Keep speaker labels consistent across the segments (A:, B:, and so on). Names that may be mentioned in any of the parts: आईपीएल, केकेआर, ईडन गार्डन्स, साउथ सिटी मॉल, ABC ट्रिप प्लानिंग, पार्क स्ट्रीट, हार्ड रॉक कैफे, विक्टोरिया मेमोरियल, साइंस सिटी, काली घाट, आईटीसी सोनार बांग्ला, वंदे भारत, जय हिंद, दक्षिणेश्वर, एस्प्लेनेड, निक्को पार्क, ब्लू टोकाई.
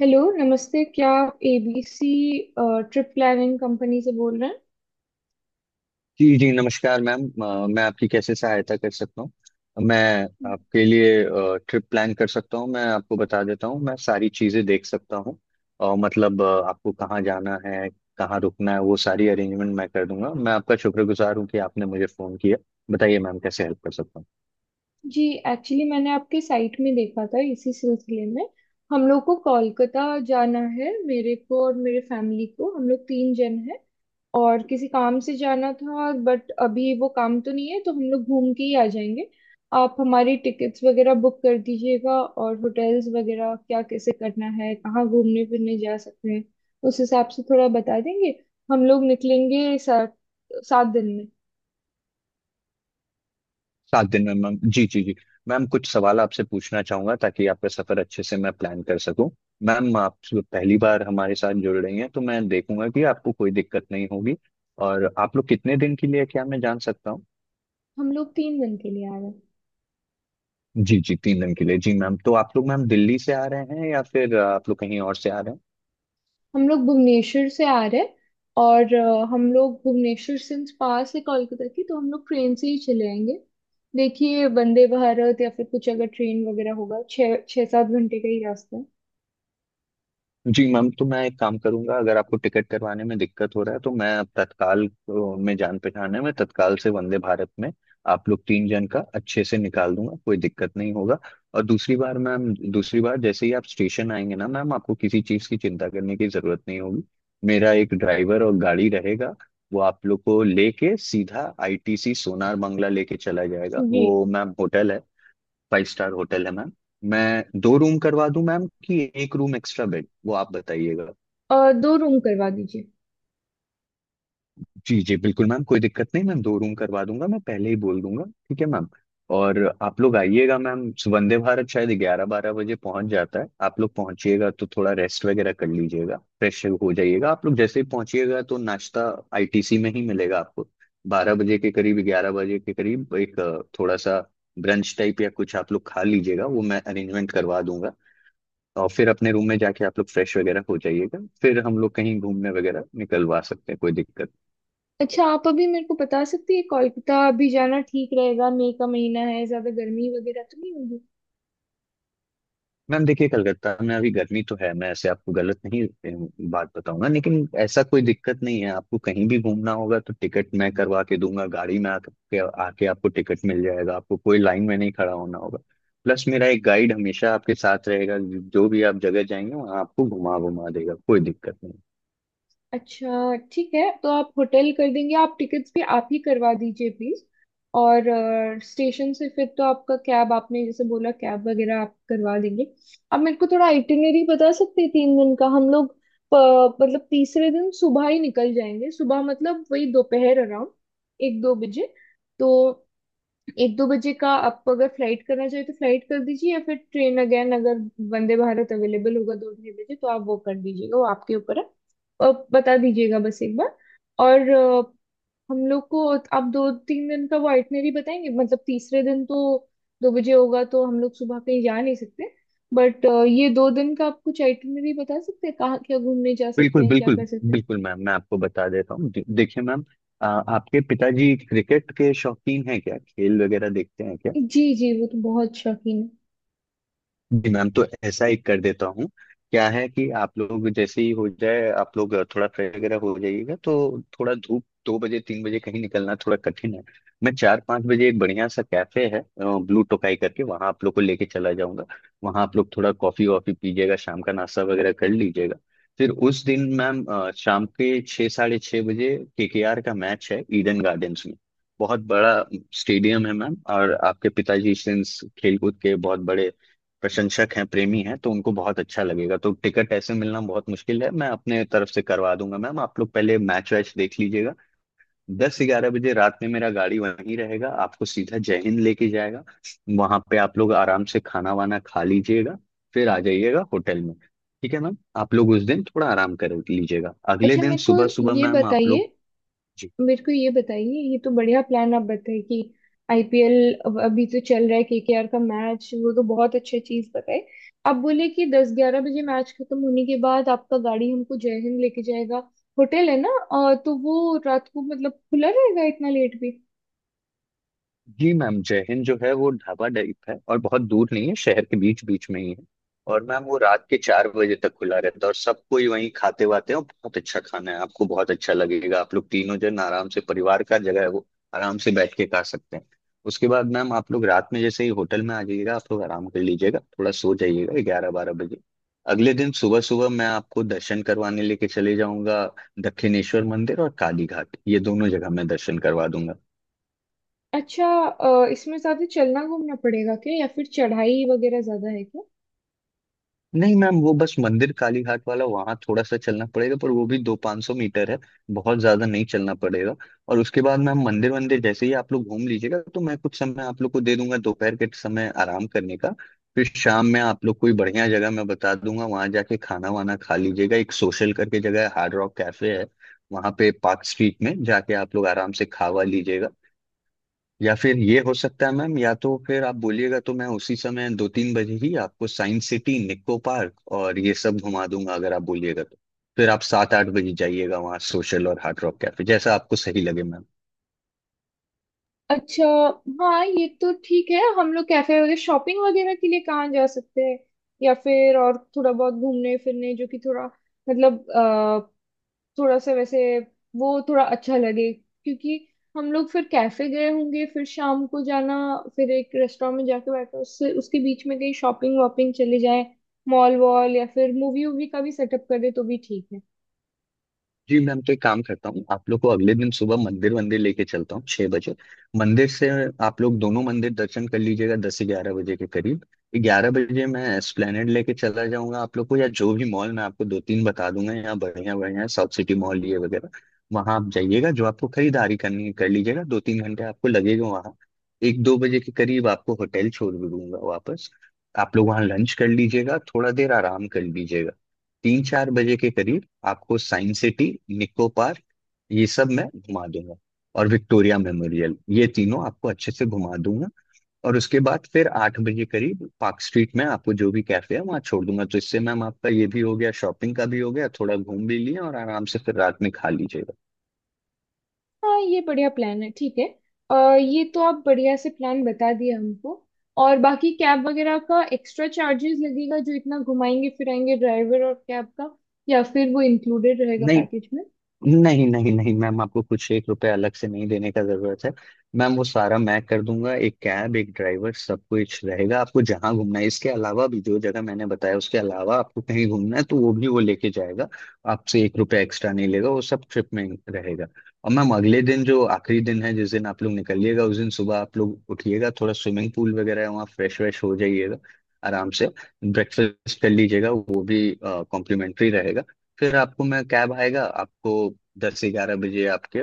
A: Hello, नमस्ते। क्या आप एबीसी ट्रिप प्लानिंग कंपनी से बोल रहे
B: जी जी, नमस्कार मैम। मैं आपकी कैसे सहायता कर सकता हूँ? मैं
A: हैं?
B: आपके लिए ट्रिप प्लान कर सकता हूँ, मैं आपको बता देता हूँ, मैं सारी चीज़ें देख सकता हूँ। और मतलब आपको कहाँ जाना है, कहाँ रुकना है, वो सारी अरेंजमेंट मैं कर दूंगा। मैं आपका शुक्रगुजार हूँ कि आपने मुझे फ़ोन किया। बताइए मैम, कैसे हेल्प कर सकता हूँ?
A: जी, एक्चुअली मैंने आपके साइट में देखा था। इसी सिलसिले में हम लोग को कोलकाता जाना है। मेरे को और मेरे फैमिली को, हम लोग तीन जन हैं। और किसी काम से जाना था, बट अभी वो काम तो नहीं है, तो हम लोग घूम के ही आ जाएंगे। आप हमारी टिकट्स वगैरह बुक कर दीजिएगा, और होटल्स वगैरह क्या कैसे करना है, कहाँ घूमने फिरने जा सकते हैं उस हिसाब से थोड़ा बता देंगे। हम लोग निकलेंगे सात सात दिन में।
B: 7 दिन में मैम? जी जी जी। मैम, कुछ सवाल आपसे पूछना चाहूंगा ताकि आपका सफर अच्छे से मैं प्लान कर सकूं। मैम आप पहली बार हमारे साथ जुड़ रही हैं, तो मैं देखूंगा कि आपको कोई दिक्कत नहीं होगी। और आप लोग कितने दिन के लिए, क्या मैं जान सकता हूँ?
A: हम लोग 3 दिन के लिए आ रहे हैं।
B: जी जी, 3 दिन के लिए, जी मैम। तो आप लोग मैम दिल्ली से आ रहे हैं या फिर आप लोग कहीं और से आ रहे हैं?
A: हम लोग भुवनेश्वर से आ रहे हैं। और हम लोग भुवनेश्वर सिंस पास है कोलकाता की, तो हम लोग ट्रेन से ही चले आएंगे। देखिए, वंदे भारत या फिर कुछ अगर ट्रेन वगैरह होगा, 6-7 घंटे का ही रास्ता है।
B: जी मैम, तो मैं एक काम करूंगा, अगर आपको टिकट करवाने में दिक्कत हो रहा है तो मैं अब तत्काल, में जान पहचान है, मैं तत्काल से वंदे भारत में आप लोग 3 जन का अच्छे से निकाल दूंगा, कोई दिक्कत नहीं होगा। और दूसरी बार मैम, दूसरी बार जैसे ही आप स्टेशन आएंगे ना मैम, आपको किसी चीज़ की चिंता करने की जरूरत नहीं होगी। मेरा एक ड्राइवर और गाड़ी रहेगा, वो आप लोग को लेके सीधा आईटीसी सोनार बांग्ला लेके चला जाएगा।
A: जी,
B: वो मैम होटल है, फाइव स्टार होटल है मैम। मैं दो रूम करवा दूं मैम, कि एक रूम एक्स्ट्रा बेड, वो आप बताइएगा।
A: और दो रूम करवा दीजिए।
B: जी जी बिल्कुल मैम, कोई दिक्कत नहीं, मैं दो रूम करवा दूंगा, मैं पहले ही बोल दूंगा, ठीक है मैम? और आप लोग आइएगा मैम, वंदे भारत शायद 11-12 बजे पहुंच जाता है, आप लोग पहुंचिएगा तो थोड़ा रेस्ट वगैरह कर लीजिएगा, फ्रेश हो जाइएगा। आप लोग जैसे ही पहुंचिएगा तो नाश्ता आईटीसी में ही मिलेगा आपको। 12 बजे के करीब, 11 बजे के करीब एक थोड़ा सा ब्रंच टाइप या कुछ आप लोग खा लीजिएगा, वो मैं अरेंजमेंट करवा दूंगा। और फिर अपने रूम में जाके आप लोग फ्रेश वगैरह हो जाइएगा, फिर हम लोग कहीं घूमने वगैरह निकलवा सकते हैं, कोई दिक्कत।
A: अच्छा, आप अभी मेरे को बता सकती है कोलकाता अभी जाना ठीक रहेगा? मई का महीना है, ज्यादा गर्मी वगैरह तो नहीं होगी?
B: मैम देखिए, कलकत्ता में अभी गर्मी तो है, मैं ऐसे आपको गलत नहीं बात बताऊंगा, लेकिन ऐसा कोई दिक्कत नहीं है। आपको कहीं भी घूमना होगा तो टिकट मैं करवा के दूंगा, गाड़ी में आके आके आपको टिकट मिल जाएगा, आपको कोई लाइन में नहीं खड़ा होना होगा। प्लस मेरा एक गाइड हमेशा आपके साथ रहेगा, जो भी आप जगह जाएंगे वहाँ आपको घुमा घुमा देगा, कोई दिक्कत नहीं।
A: अच्छा ठीक है, तो आप होटल कर देंगे, आप टिकट्स भी आप ही करवा दीजिए प्लीज। और स्टेशन से फिर तो आपका कैब, आपने जैसे बोला, कैब वगैरह आप करवा देंगे। आप मेरे को थोड़ा आइटिनरी बता सकते हैं 3 दिन का? हम लोग मतलब तीसरे दिन सुबह ही निकल जाएंगे। सुबह मतलब वही दोपहर अराउंड 1-2 बजे। तो 1-2 बजे का आपको अगर फ्लाइट करना चाहिए तो फ्लाइट कर दीजिए, या फिर ट्रेन अगेन, अगर वंदे भारत अवेलेबल होगा 2-2:30 बजे तो आप वो कर दीजिएगा। वो आपके ऊपर है, और बता दीजिएगा बस एक बार। और हम लोग को आप 2-3 दिन का वो आइटनरी बताएंगे। मतलब तीसरे दिन तो 2 बजे होगा तो हम लोग सुबह कहीं जा नहीं सकते, बट ये 2 दिन का आप कुछ आइटनरी बता सकते हैं कहाँ क्या घूमने जा सकते
B: बिल्कुल,
A: हैं, क्या
B: बिल्कुल,
A: कर सकते
B: बिल्कुल मैम, मैं आपको बता देता हूँ, देखिए मैम, आपके पिताजी क्रिकेट के शौकीन हैं क्या, खेल वगैरह देखते हैं क्या?
A: हैं। जी जी, वो तो बहुत शौकीन है।
B: जी मैम तो ऐसा ही कर देता हूँ। क्या है कि आप लोग जैसे ही हो जाए, आप लोग थोड़ा फ्रेश वगैरह हो जाइएगा, तो थोड़ा धूप 2 बजे 3 बजे कहीं निकलना थोड़ा कठिन है। मैं 4-5 बजे, एक बढ़िया सा कैफे है ब्लू टोकाई करके, वहाँ आप लोग को लेके चला जाऊंगा। वहाँ आप लोग थोड़ा कॉफी वॉफी पीजिएगा, शाम का नाश्ता वगैरह कर लीजिएगा। फिर उस दिन मैम शाम के छः साढ़े छः बजे केकेआर का मैच है ईडन गार्डन्स में, बहुत बड़ा स्टेडियम है मैम। और आपके पिताजी इस दिन खेलकूद के बहुत बड़े प्रशंसक हैं, प्रेमी हैं, तो उनको बहुत अच्छा लगेगा। तो टिकट ऐसे मिलना बहुत मुश्किल है, मैं अपने तरफ से करवा दूंगा मैम, आप लोग पहले मैच वैच देख लीजिएगा। 10-11 बजे रात में मेरा गाड़ी वहीं रहेगा, आपको सीधा जय हिंद लेके जाएगा। वहां पे आप लोग आराम से खाना वाना खा लीजिएगा, फिर आ जाइएगा होटल में, ठीक है मैम? आप लोग उस दिन थोड़ा आराम कर लीजिएगा, अगले
A: अच्छा,
B: दिन सुबह सुबह
A: ये
B: मैम आप
A: बताइए
B: लोग।
A: मेरे को ये बताइए, ये तो बढ़िया प्लान। आप बताइए कि आईपीएल अभी तो चल रहा है, केकेआर का मैच, वो तो बहुत अच्छी चीज बताए। आप बोले कि 10-11 बजे मैच खत्म होने के बाद आपका गाड़ी हमको जय हिंद लेके जाएगा, होटल है ना? तो वो रात को मतलब खुला रहेगा इतना लेट भी?
B: जी मैम, जय हिंद जो है वो ढाबा टाइप है और बहुत दूर नहीं है, शहर के बीच बीच में ही है। और मैम वो रात के 4 बजे तक खुला रहता है, और सब कोई वहीं खाते वाते हैं और बहुत अच्छा खाना है, आपको बहुत अच्छा लगेगा। आप लोग तीनों जन आराम से, परिवार का जगह है वो, आराम से बैठ के खा सकते हैं। उसके बाद मैम आप लोग रात में जैसे ही होटल में आ जाइएगा, आप लोग आराम कर लीजिएगा, थोड़ा सो जाइएगा 11-12 बजे। अगले दिन सुबह सुबह मैं आपको दर्शन करवाने लेके चले जाऊंगा, दक्षिणेश्वर मंदिर और काली घाट, ये दोनों जगह मैं दर्शन करवा दूंगा।
A: अच्छा, इसमें साथ ही चलना घूमना पड़ेगा क्या? या फिर चढ़ाई वगैरह ज्यादा है?
B: नहीं मैम, वो बस मंदिर कालीघाट वाला, वहां थोड़ा सा चलना पड़ेगा, पर वो भी दो पाँच सौ मीटर है, बहुत ज्यादा नहीं चलना पड़ेगा। और उसके बाद मैम मंदिर वंदिर जैसे ही आप लोग घूम लीजिएगा, तो मैं कुछ समय आप लोग को दे दूंगा दोपहर के समय आराम करने का। फिर शाम में आप लोग कोई बढ़िया जगह मैं बता दूंगा, वहां जाके खाना वाना खा लीजिएगा। एक सोशल करके जगह है, हार्ड रॉक कैफे है, वहां पे पार्क स्ट्रीट में जाके आप लोग आराम से खावा लीजिएगा। या फिर ये हो सकता है मैम, या तो फिर आप बोलिएगा तो मैं उसी समय 2-3 बजे ही आपको साइंस सिटी, निक्को पार्क और ये सब घुमा दूंगा, अगर आप बोलिएगा तो। फिर आप 7-8 बजे जाइएगा वहाँ सोशल और हार्ड रॉक कैफे, जैसा आपको सही लगे मैम।
A: अच्छा। हाँ, ये तो ठीक है। हम लोग कैफे वगैरह, शॉपिंग वगैरह के लिए कहाँ जा सकते हैं? या फिर और थोड़ा बहुत घूमने फिरने जो कि थोड़ा मतलब थोड़ा सा वैसे वो थोड़ा अच्छा लगे। क्योंकि हम लोग फिर कैफे गए होंगे, फिर शाम को जाना, फिर एक रेस्टोरेंट में जाके बैठो, उससे उसके बीच में कहीं शॉपिंग वॉपिंग चले जाए, मॉल वॉल, या फिर मूवी वूवी का भी सेटअप कर दे तो भी ठीक है।
B: जी मैम, तो एक काम करता हूँ, आप लोग को अगले दिन सुबह मंदिर मंदिर लेके चलता हूँ, 6 बजे मंदिर से। आप लोग दोनों मंदिर दर्शन कर लीजिएगा, 10 से 11 बजे के करीब, ग्यारह बजे मैं एस्प्लेनेड लेके चला जाऊंगा आप लोग को, या जो भी मॉल मैं आपको दो तीन बता दूंगा यहाँ बढ़िया बढ़िया, साउथ सिटी मॉल ये वगैरह, वहां आप जाइएगा, जो आपको खरीदारी करनी है कर लीजिएगा। 2-3 घंटे आपको लगेगा वहाँ, 1-2 बजे के करीब आपको होटल छोड़ भी दूंगा वापस। आप लोग वहाँ लंच कर लीजिएगा, थोड़ा देर आराम कर लीजिएगा। 3-4 बजे के करीब आपको साइंस सिटी, निको पार्क, ये सब मैं घुमा दूंगा, और विक्टोरिया मेमोरियल, ये तीनों आपको अच्छे से घुमा दूंगा। और उसके बाद फिर 8 बजे करीब पार्क स्ट्रीट में आपको जो भी कैफे है वहाँ छोड़ दूंगा, तो इससे मैम आपका ये भी हो गया, शॉपिंग का भी हो गया, थोड़ा घूम भी लिए, और आराम से फिर रात में खा लीजिएगा।
A: हाँ, ये बढ़िया प्लान है, ठीक है। अ, ये तो आप बढ़िया से प्लान बता दिए हमको। और बाकी कैब वगैरह का एक्स्ट्रा चार्जेस लगेगा जो इतना घुमाएंगे फिराएंगे, ड्राइवर और कैब का? या फिर वो इंक्लूडेड रहेगा
B: नहीं,
A: पैकेज में?
B: नहीं, नहीं, नहीं मैम, आपको कुछ एक रुपया अलग से नहीं देने का जरूरत है। मैम वो सारा मैं कर दूंगा, एक कैब एक ड्राइवर सब कुछ रहेगा, आपको जहां घूमना है, इसके अलावा भी जो जगह मैंने बताया उसके अलावा आपको कहीं घूमना है तो वो भी वो लेके जाएगा। आपसे एक रुपया एक्स्ट्रा नहीं लेगा, वो सब ट्रिप में रहेगा। और मैम अगले दिन जो आखिरी दिन है, जिस दिन आप लोग निकलिएगा, उस दिन सुबह आप लोग उठिएगा, थोड़ा स्विमिंग पूल वगैरह है वहाँ, फ्रेश व्रेश हो जाइएगा, आराम से ब्रेकफास्ट कर लीजिएगा, वो भी कॉम्प्लीमेंट्री रहेगा। फिर आपको मैं कैब आएगा आपको, 10-11 बजे आपके,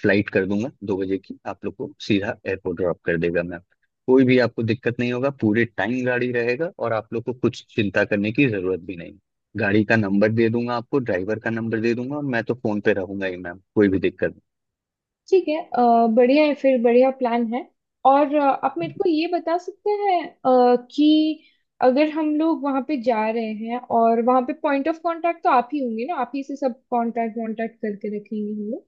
B: फ्लाइट कर दूंगा 2 बजे की, आप लोग को सीधा एयरपोर्ट ड्रॉप कर देगा मैम। कोई भी आपको दिक्कत नहीं होगा, पूरे टाइम गाड़ी रहेगा, और आप लोग को कुछ चिंता करने की जरूरत भी नहीं। गाड़ी का नंबर दे दूंगा आपको, ड्राइवर का नंबर दे दूंगा, और मैं तो फोन पे रहूंगा ही मैम, कोई भी दिक्कत नहीं।
A: ठीक है, बढ़िया है, फिर बढ़िया प्लान है। और आप मेरे को ये बता सकते हैं कि अगर हम लोग वहाँ पे जा रहे हैं, और वहाँ पे पॉइंट ऑफ कांटेक्ट तो आप ही होंगे ना, आप ही से सब कांटेक्ट वांटेक्ट करके रखेंगे हम लोग?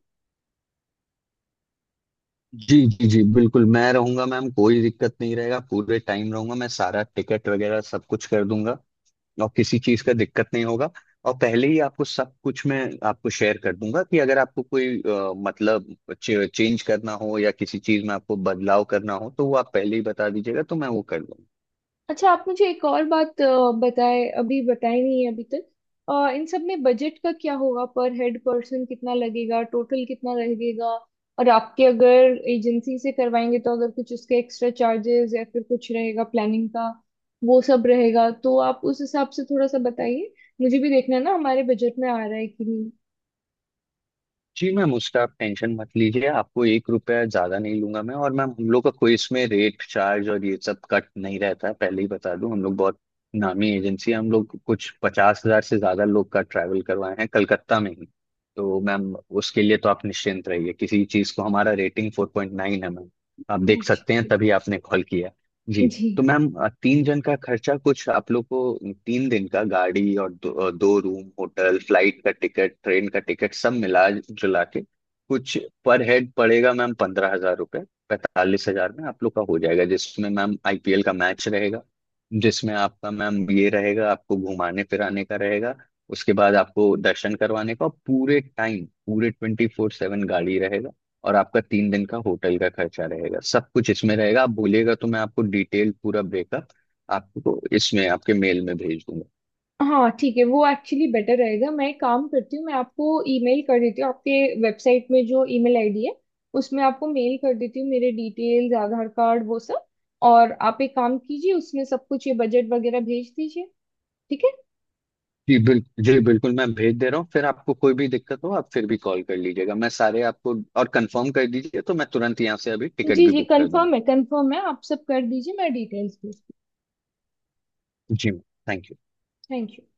B: जी जी जी, बिल्कुल मैं रहूंगा मैम, कोई दिक्कत नहीं रहेगा, पूरे टाइम रहूंगा, मैं सारा टिकट वगैरह सब कुछ कर दूंगा, और किसी चीज का दिक्कत नहीं होगा। और पहले ही आपको सब कुछ मैं आपको शेयर कर दूंगा, कि अगर आपको कोई मतलब चेंज करना हो या किसी चीज में आपको बदलाव करना हो तो वो आप पहले ही बता दीजिएगा तो मैं वो कर दूंगा।
A: अच्छा, आप मुझे एक और बात बताए, अभी बताई नहीं है अभी तक। इन सब में बजट का क्या होगा? पर हेड पर्सन कितना लगेगा, टोटल कितना लगेगा? और आपके अगर एजेंसी से करवाएंगे तो अगर कुछ उसके एक्स्ट्रा चार्जेस या फिर कुछ रहेगा प्लानिंग का, वो सब रहेगा तो आप उस हिसाब से थोड़ा सा बताइए। मुझे भी देखना है ना हमारे बजट में आ रहा है कि नहीं।
B: जी मैम, उसका आप टेंशन मत लीजिए, आपको एक रुपया ज्यादा नहीं लूंगा मैं। और मैम हम लोग का कोई इसमें रेट चार्ज और ये सब कट नहीं रहता है, पहले ही बता दूं, हम लोग बहुत नामी एजेंसी है, हम लोग कुछ 50,000 से ज्यादा लोग का ट्रैवल करवाए हैं कलकत्ता में ही। तो मैम उसके लिए तो आप निश्चिंत रहिए किसी चीज को, हमारा रेटिंग 4.9 है मैम, आप देख
A: अच्छा,
B: सकते हैं,
A: ठीक
B: तभी आपने कॉल किया।
A: है
B: जी।
A: जी।
B: तो मैम 3 जन का खर्चा कुछ आप लोग को, 3 दिन का गाड़ी और दो रूम होटल, फ्लाइट का टिकट, ट्रेन का टिकट, सब मिला जुला के कुछ पर हेड पड़ेगा मैम 15,000 रुपये, 45,000 में आप लोग का हो जाएगा, जिसमें मैम आईपीएल का मैच रहेगा, जिसमें आपका मैम ये रहेगा, आपको घुमाने फिराने का रहेगा। उसके बाद आपको दर्शन करवाने का, और पूरे टाइम, पूरे 24/7 गाड़ी रहेगा, और आपका 3 दिन का होटल का खर्चा रहेगा, सब कुछ इसमें रहेगा। आप बोलिएगा तो मैं आपको डिटेल पूरा ब्रेकअप आपको इसमें आपके मेल में भेज दूंगा।
A: हाँ ठीक है, वो एक्चुअली बेटर रहेगा। मैं एक काम करती हूँ, मैं आपको ईमेल कर देती हूँ। आपके वेबसाइट में जो ईमेल आईडी है उसमें आपको मेल कर देती हूँ, मेरे डिटेल्स, आधार कार्ड, वो सब। और आप एक काम कीजिए, उसमें सब कुछ ये बजट वगैरह भेज दीजिए। ठीक है।
B: जी बिल्कुल, जी बिल्कुल, मैं भेज दे रहा हूँ, फिर आपको कोई भी दिक्कत हो आप फिर भी कॉल कर लीजिएगा, मैं सारे आपको, और कंफर्म कर दीजिए तो मैं तुरंत यहाँ से अभी टिकट
A: जी
B: भी
A: जी,
B: बुक कर दूंगा।
A: कंफर्म है, कंफर्म है, आप सब कर दीजिए, मैं डिटेल्स भेजती
B: जी मैम, थैंक यू।
A: हूँ। Thank you.